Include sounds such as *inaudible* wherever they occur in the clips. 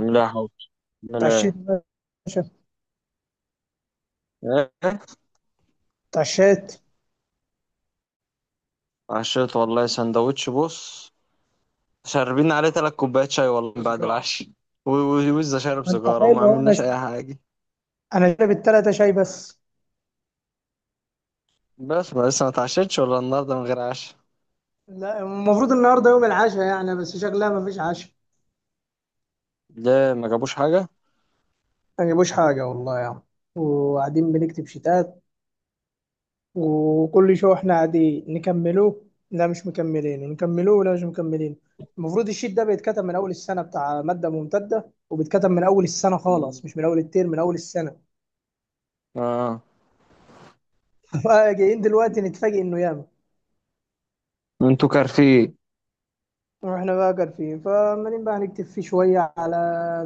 لا حول ولا اتعشيت يا باشا؟ إيه؟ اتعشيت؟ عشيت والله سندوتش، بص، شاربين عليه تلات كوبايات شاي والله بعد سيجارة العشاء. وإزاي شارب ما انت سيجارة وما حلو اهو. انا عملناش أي حاجة؟ انا شارب التلاتة شاي بس. بس ما لسه ما اتعشتش ولا النهاردة من غير عشاء؟ لا، المفروض النهارده يوم العشاء يعني، بس شكلها ما فيش عشاء. ليه ما جابوش حاجة؟ ما جابوش حاجه والله يعني. وقاعدين بنكتب شتات. وكل شو احنا قاعدين نكملوه. لا، مش مكملين. ونكملوه، لا مش مكملين. المفروض الشيت ده بيتكتب من اول السنه، بتاع ماده ممتده، وبيتكتب من اول السنه مم. خالص، مش من اول الترم، من اول السنه. اه، *laughs* جايين دلوقتي نتفاجئ انه ياما. انتوا كارفين. واحنا بقى قارفين، فعمالين بقى نكتب فيه شوية، على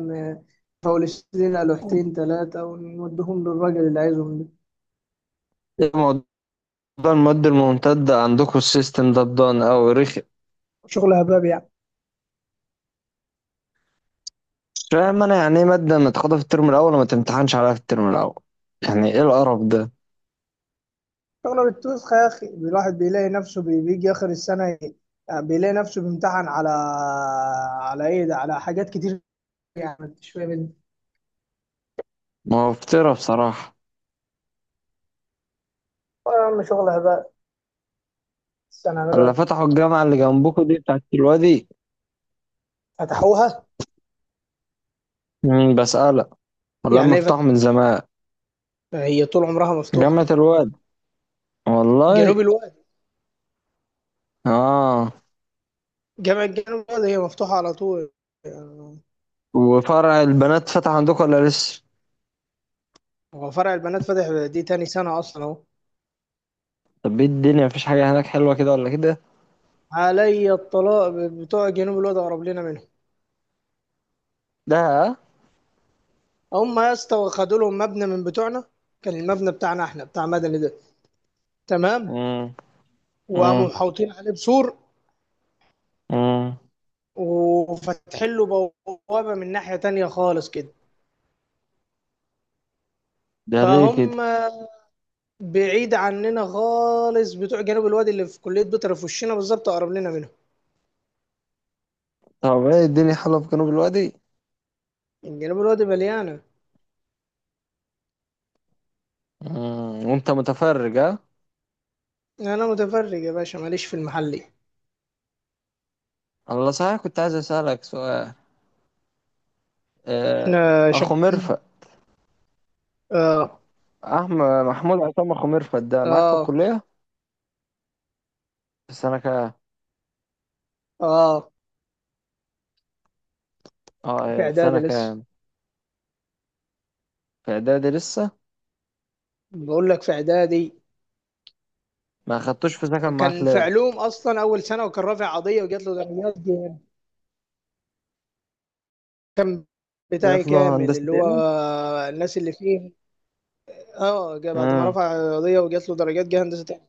م- نفولش لنا لوحتين تلاتة ونوديهم للراجل اللي عايزهم ده. ايه موضوع المواد الممتدة عندكم؟ السيستم ده بدان أوي، رخي. شغل هباب يعني. مش فاهم أنا، يعني إيه مادة متاخدة في الترم الأول وما تمتحنش عليها في الترم الأول؟ يعني إيه القرف ده؟ شغل بالتوسخ يا أخي. الواحد بيلاقي نفسه بيجي آخر السنة، يعني بيلاقي نفسه بيمتحن على إيه ده؟ على حاجات كتير. يعني ما انتش فاهم انت. موفرة بصراحة. آه يا عم، شغل هباب. السنة عملوا اللي إيه؟ فتحوا الجامعة اللي جنبكم دي بتاعت الوادي؟ فتحوها؟ مم، بسألك، ولا يعني هم ليه فتحوا فتحوا؟ من زمان؟ هي طول عمرها مفتوحة. جامعة الوادي، جنوب والله. الواد. اه، جامعة جنوب الواد هي مفتوحة على طول. وفرع البنات فتح عندكم ولا لسه؟ هو فرع البنات فاتح، دي تاني سنة أصلا أهو. طب ايه الدنيا، مفيش حاجة هناك حلوة كده ولا كده؟ علي الطلاق بتوع جنوب الواد قرب لنا منهم. ده هم يا اسطى خدوا لهم مبنى من بتوعنا. كان المبنى بتاعنا احنا بتاع مدني ده، تمام. امم، وقاموا امم، محوطين عليه بسور، امم. وفاتحين له بوابة من ناحية تانية خالص كده. ده ليه كده؟ فهم بعيد عننا خالص. بتوع جنوب الوادي اللي في كلية بيطر في وشنا بالظبط، أقرب لنا منهم. طب ايه الدنيا حلوة في جنوب الوادي؟ جنوب الوادي مليانة. امم، وانت متفرج؟ ها، أنا متفرج يا باشا، ماليش في المحلي. الله، صحيح كنت عايز اسألك سؤال. آه، احنا اخو شغال. مرفق، اه. احمد محمود عصام، اخو مرفق ده معاك في اه. الكلية؟ في السنة كام؟ اه، اه. في في اعدادي سنة لسه. كام؟ في إعدادي لسه؟ بقول لك في اعدادي. ما خدتوش في سكن معاك كان في ليه؟ علوم اصلا اول سنه، وكان رافع قضيه وجات له درجات جامد. كان جات بتاعي له كامل، هندسة اللي هو هنا. الناس اللي فيه. اه، بعد ما امم. رفع قضيه وجات له درجات جه هندسه تاني.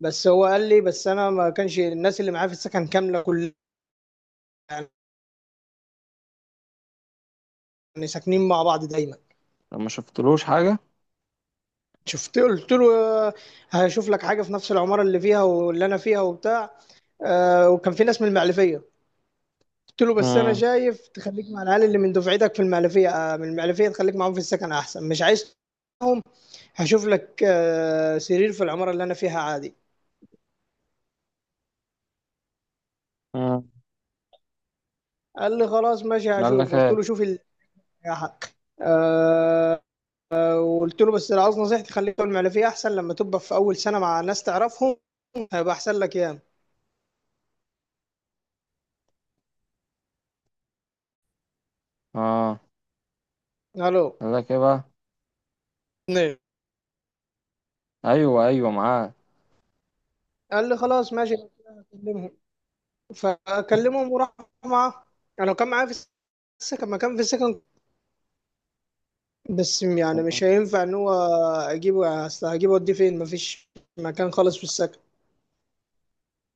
بس هو قال لي، بس انا ما كانش الناس اللي معايا في السكن كامله، كل يعني ساكنين مع بعض دايما. ما شفتلوش حاجة؟ شفت، قلت له آه، هشوف لك حاجه في نفس العماره اللي فيها واللي انا فيها وبتاع، وكان في ناس من المعلفيه. قلت له بس انا امم، شايف تخليك مع العيال اللي من دفعتك في المعلفيه، من المعلفيه، تخليك معاهم في السكن احسن، مش عايز معاهم. هشوف لك سرير في العماره اللي انا فيها عادي. امم. قال لي خلاص ماشي قال هشوف. لك قلت له ايه؟ شوف يا حق. آه، وقلت له بس لو عاوز نصيحتي، خليك في المعلفيه احسن، لما تبقى في اول سنه مع ناس تعرفهم هيبقى احسن لك ياما. اه. الو. قال لك ايه بقى؟ نعم. ايوه ايوه، معاك. قال لي خلاص ماشي، هكلمهم. فكلمهم وراح معاه. انا كان معايا في السكن، ما كان في السكن، بس يعني آه، مش هينفع ان هو اجيبه. اصل هجيبه اوديه فين؟ مفيش مكان خالص في السكن.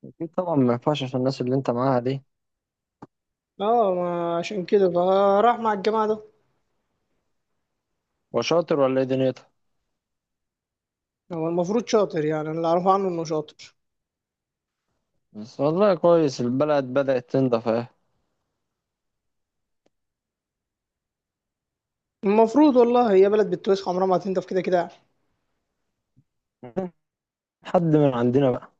اكيد طبعا، ما ينفعش عشان الناس اللي انت معاها دي. اه، ما عشان كده فراح مع الجماعه ده. وشاطر ولا ايه دنيتها؟ هو المفروض شاطر يعني، أنا اللي اعرفه عنه انه شاطر. بس والله كويس، البلد بدأت تنضف اهي. المفروض والله، هي بلد بتوسخ، عمرها ما هتنضف كده كده. *laughs* حد من عندنا بقى؟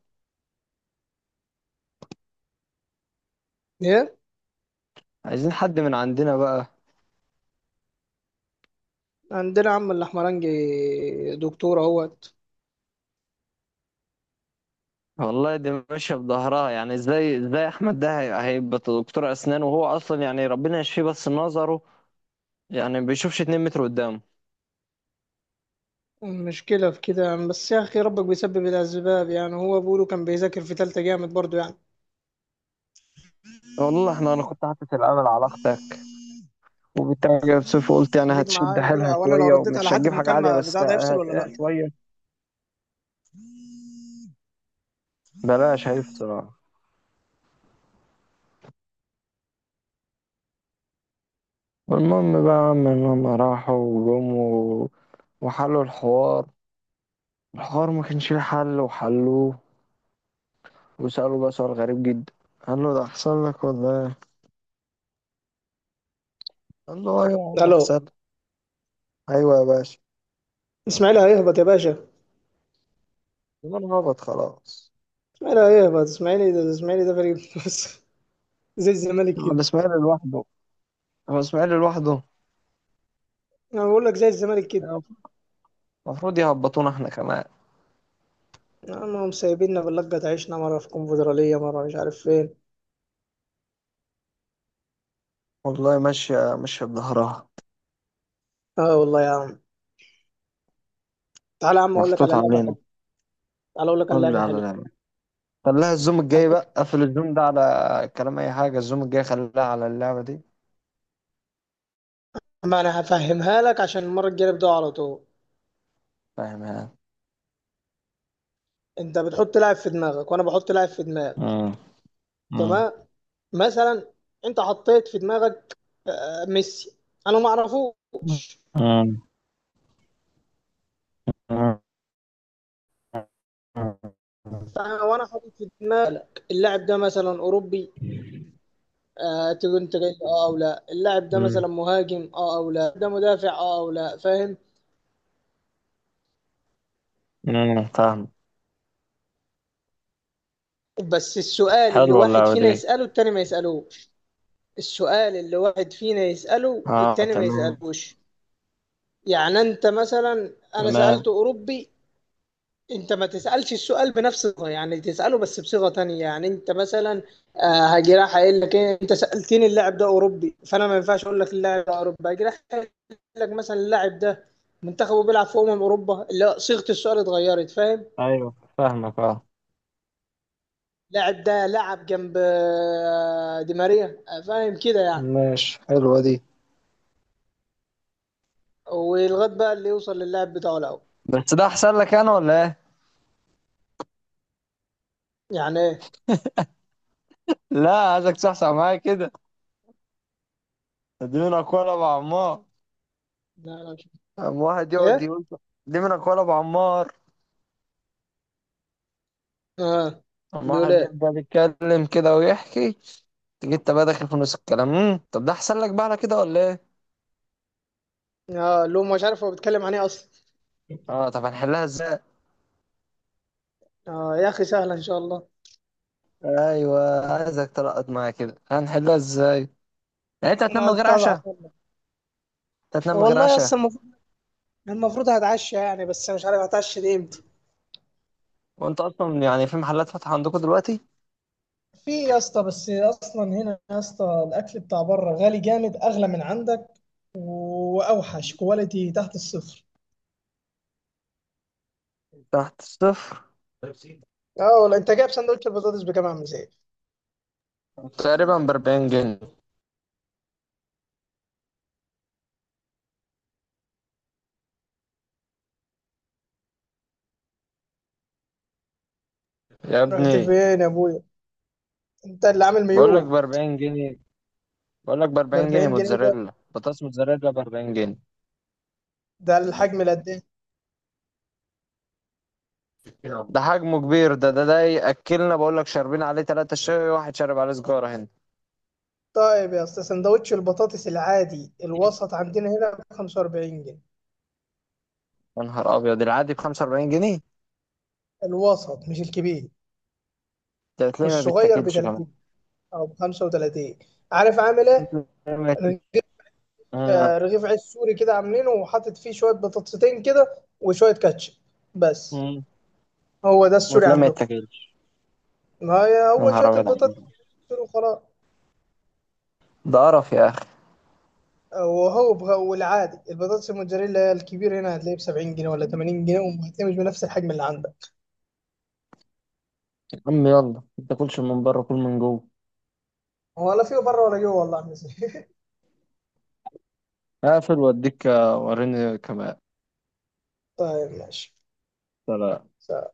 ايه؟ عايزين حد من عندنا بقى. عندنا عم الاحمرنجي، دكتور اهوت. والله دي ماشية بظهرها، يعني ازاي ازاي احمد ده هيبقى دكتور اسنان، وهو اصلا يعني ربنا يشفيه، بس نظره يعني بيشوفش 2 متر قدامه. المشكلة في كده يعني، بس يا أخي ربك بيسبب الأسباب. يعني هو بيقولوا كان بيذاكر في تالتة جامد برضه يعني. والله احنا، انا كنت حاطط الامل على اختك، وبالتالي جايب صفر، قلت يعني خليك هتشد معايا كده. حيلها أو أنا لو شويه، رديت على ومش حد هتجيب في حاجه عاليه مكالمة بس بتاع، ده هيفصل ولا لأ؟ هتقل شويه. بلاش، هي بصراحه. والمهم بقى يا عم ان هم راحوا وجم وحلوا الحوار. الحوار ما كانش ليه حل وحلوه. وسالوا بقى سؤال غريب جدا، قال له ده حصل لك ولا ايه؟ قال له ايوه يا عم ألو. حصل. ايوه يا باشا. إسماعيل هيهبط يا باشا. يبقى انا هبط خلاص. لا، ايه بقى الاسماعيلي ده؟ الاسماعيلي ده فريق بس. *laughs* زي الزمالك هو كده. الاسماعيلي لوحده؟ هو الاسماعيلي لوحده. انا بقول لك زي الزمالك كده. المفروض يهبطونا احنا كمان. هم سايبيننا باللقة، تعيشنا مرة في كونفدرالية، مرة مش عارف فين. والله ماشية ماشية بظهرها، اه والله يا عم. تعالى يا عم اقول لك محطوط على لعبة علينا. حلوة. تعالى اقول لك على قول لي لعبة على حلوة. اللعبة. خليها الزوم الجاي هتحط- بقى، قفل الزوم ده على كلام أي حاجة، الزوم الجاي خليها على اللعبة دي. ما انا هفهمها لك عشان المرة الجاية نبدأ على طول. فاهم يعني؟ انت بتحط لاعب في دماغك، وانا بحط لاعب في دماغي. مم. مم. تمام. مثلا انت حطيت في دماغك ميسي، انا ما اعرفوش. مم. مم. مم. وانا حاطط في دماغك اللاعب ده مثلا اوروبي. آه، تقول انت جاي اه او لا. اللاعب ده مثلا مهاجم؟ اه او لا. ده مدافع؟ اه او لا. فاهم. فاهم. بس السؤال اللي حلوة واحد اللعبة فينا دي. يسأله، التاني ما يسألوش. السؤال اللي واحد فينا يسأله، اه التاني ما تمام، يسألوش. يعني انت مثلا، انا تمام. سألت اوروبي. انت ما تسألش السؤال بنفس الصيغة، يعني تسأله بس بصيغة تانية. يعني انت مثلا آه، هاجي راح قايل لك ايه؟ انت سألتني اللاعب ده اوروبي، فانا ما ينفعش اقول لك اللاعب ده اوروبي. هاجي راح قايل لك مثلا، اللاعب ده منتخبه بيلعب في اوروبا، لا، صيغة السؤال اتغيرت. فاهم. أيوة فاهمك، أه. اللاعب ده لعب جنب دي ماريا. آه، فاهم كده يعني. ماشي، حلوة دي. ولغايه بقى اللي يوصل للاعب بتاعه الاول. بس ده أحسن لك أنا ولا إيه؟ يعني ايه؟ لا، عايزك تصحصح معايا كده، اديني أقوى أنا بعمار. لا، لا مش قام واحد يقعد ايه. يقول دي منك ولا ابو عمار. اه. قام بيقول واحد ايه؟ يفضل يتكلم كده ويحكي، تيجي انت بقى داخل في نص الكلام. طب ده احسن لك بقى على كده ولا ايه؟ اه، لو مش عارف هو بيتكلم عن ايه اصلا. اه. طب هنحلها ازاي؟ اه يا اخي سهله ان شاء الله. ايوه، عايزك تلقط معايا كده، هنحلها ازاي؟ يعني انت هتنام من انا غير كنت ازعل عشاء؟ والله. انت هتنام من غير والله يا عشاء؟ اسطى المفروض هتعشى يعني، بس مش عارف هتعشى دي امتى. وانت اصلا يعني في محلات فاتحه عندكم دلوقتي؟ في يا اسطى، بس اصلا هنا يا اسطى الاكل بتاع بره غالي جامد، اغلى من عندك، واوحش، كواليتي تحت الصفر. تحت الصفر. اه والله، انت جايب سندوتش البطاطس بكام يا عم زين؟ تقريبا ب 40 جنيه، يا رحت ابني. فين يا ابويا؟ انت اللي عامل بقول لك ميو؟ ب 40 جنيه. بقول لك ب ب 40 جنيه، 40 جنيه؟ ده موتزاريلا بطاطس، موتزاريلا ب 40 جنيه. ده الحجم اللي قد ايه؟ يلا، ده حجمه كبير، ده ياكلنا، بقول لك شاربين عليه 3 شاي، واحد شارب عليه سجارة هنا. طيب يا اسطى، سندوتش البطاطس العادي الوسط عندنا هنا ب 45 جنيه. يا نهار ابيض، العادي ب 45 جنيه؟ الوسط مش الكبير. ده تلاقيه ما والصغير ب بيتاكلش كمان. 30 او ب 35. عارف عامل ايه؟ وتلاقيه ما يت- رغيف. آه، آه، رغيف عيش سوري كده عاملينه، وحاطط فيه شويه بطاطستين كده وشويه كاتشب بس. مم. هو ده السوري وتلاقيه ما عنده. يتاكلش. ما هي يا هو نهار شويه ابيض البطاطس عليك، السوري وخلاص. ده قرف يا اخي. وهو والعادي البطاطس الموتزاريلا هي الكبير، هنا هتلاقيه ب 70 جنيه ولا 80 جنيه، وهتلاقيه مش بنفس الحجم اللي عندك. يا عم يلا، ما تاكلش من بره، كل من جوه. ولا فيه بره ولا جوه والله. *laughs* يا عم زين. اقفل واديك، وريني كمان. طيب ماشي. سلام. So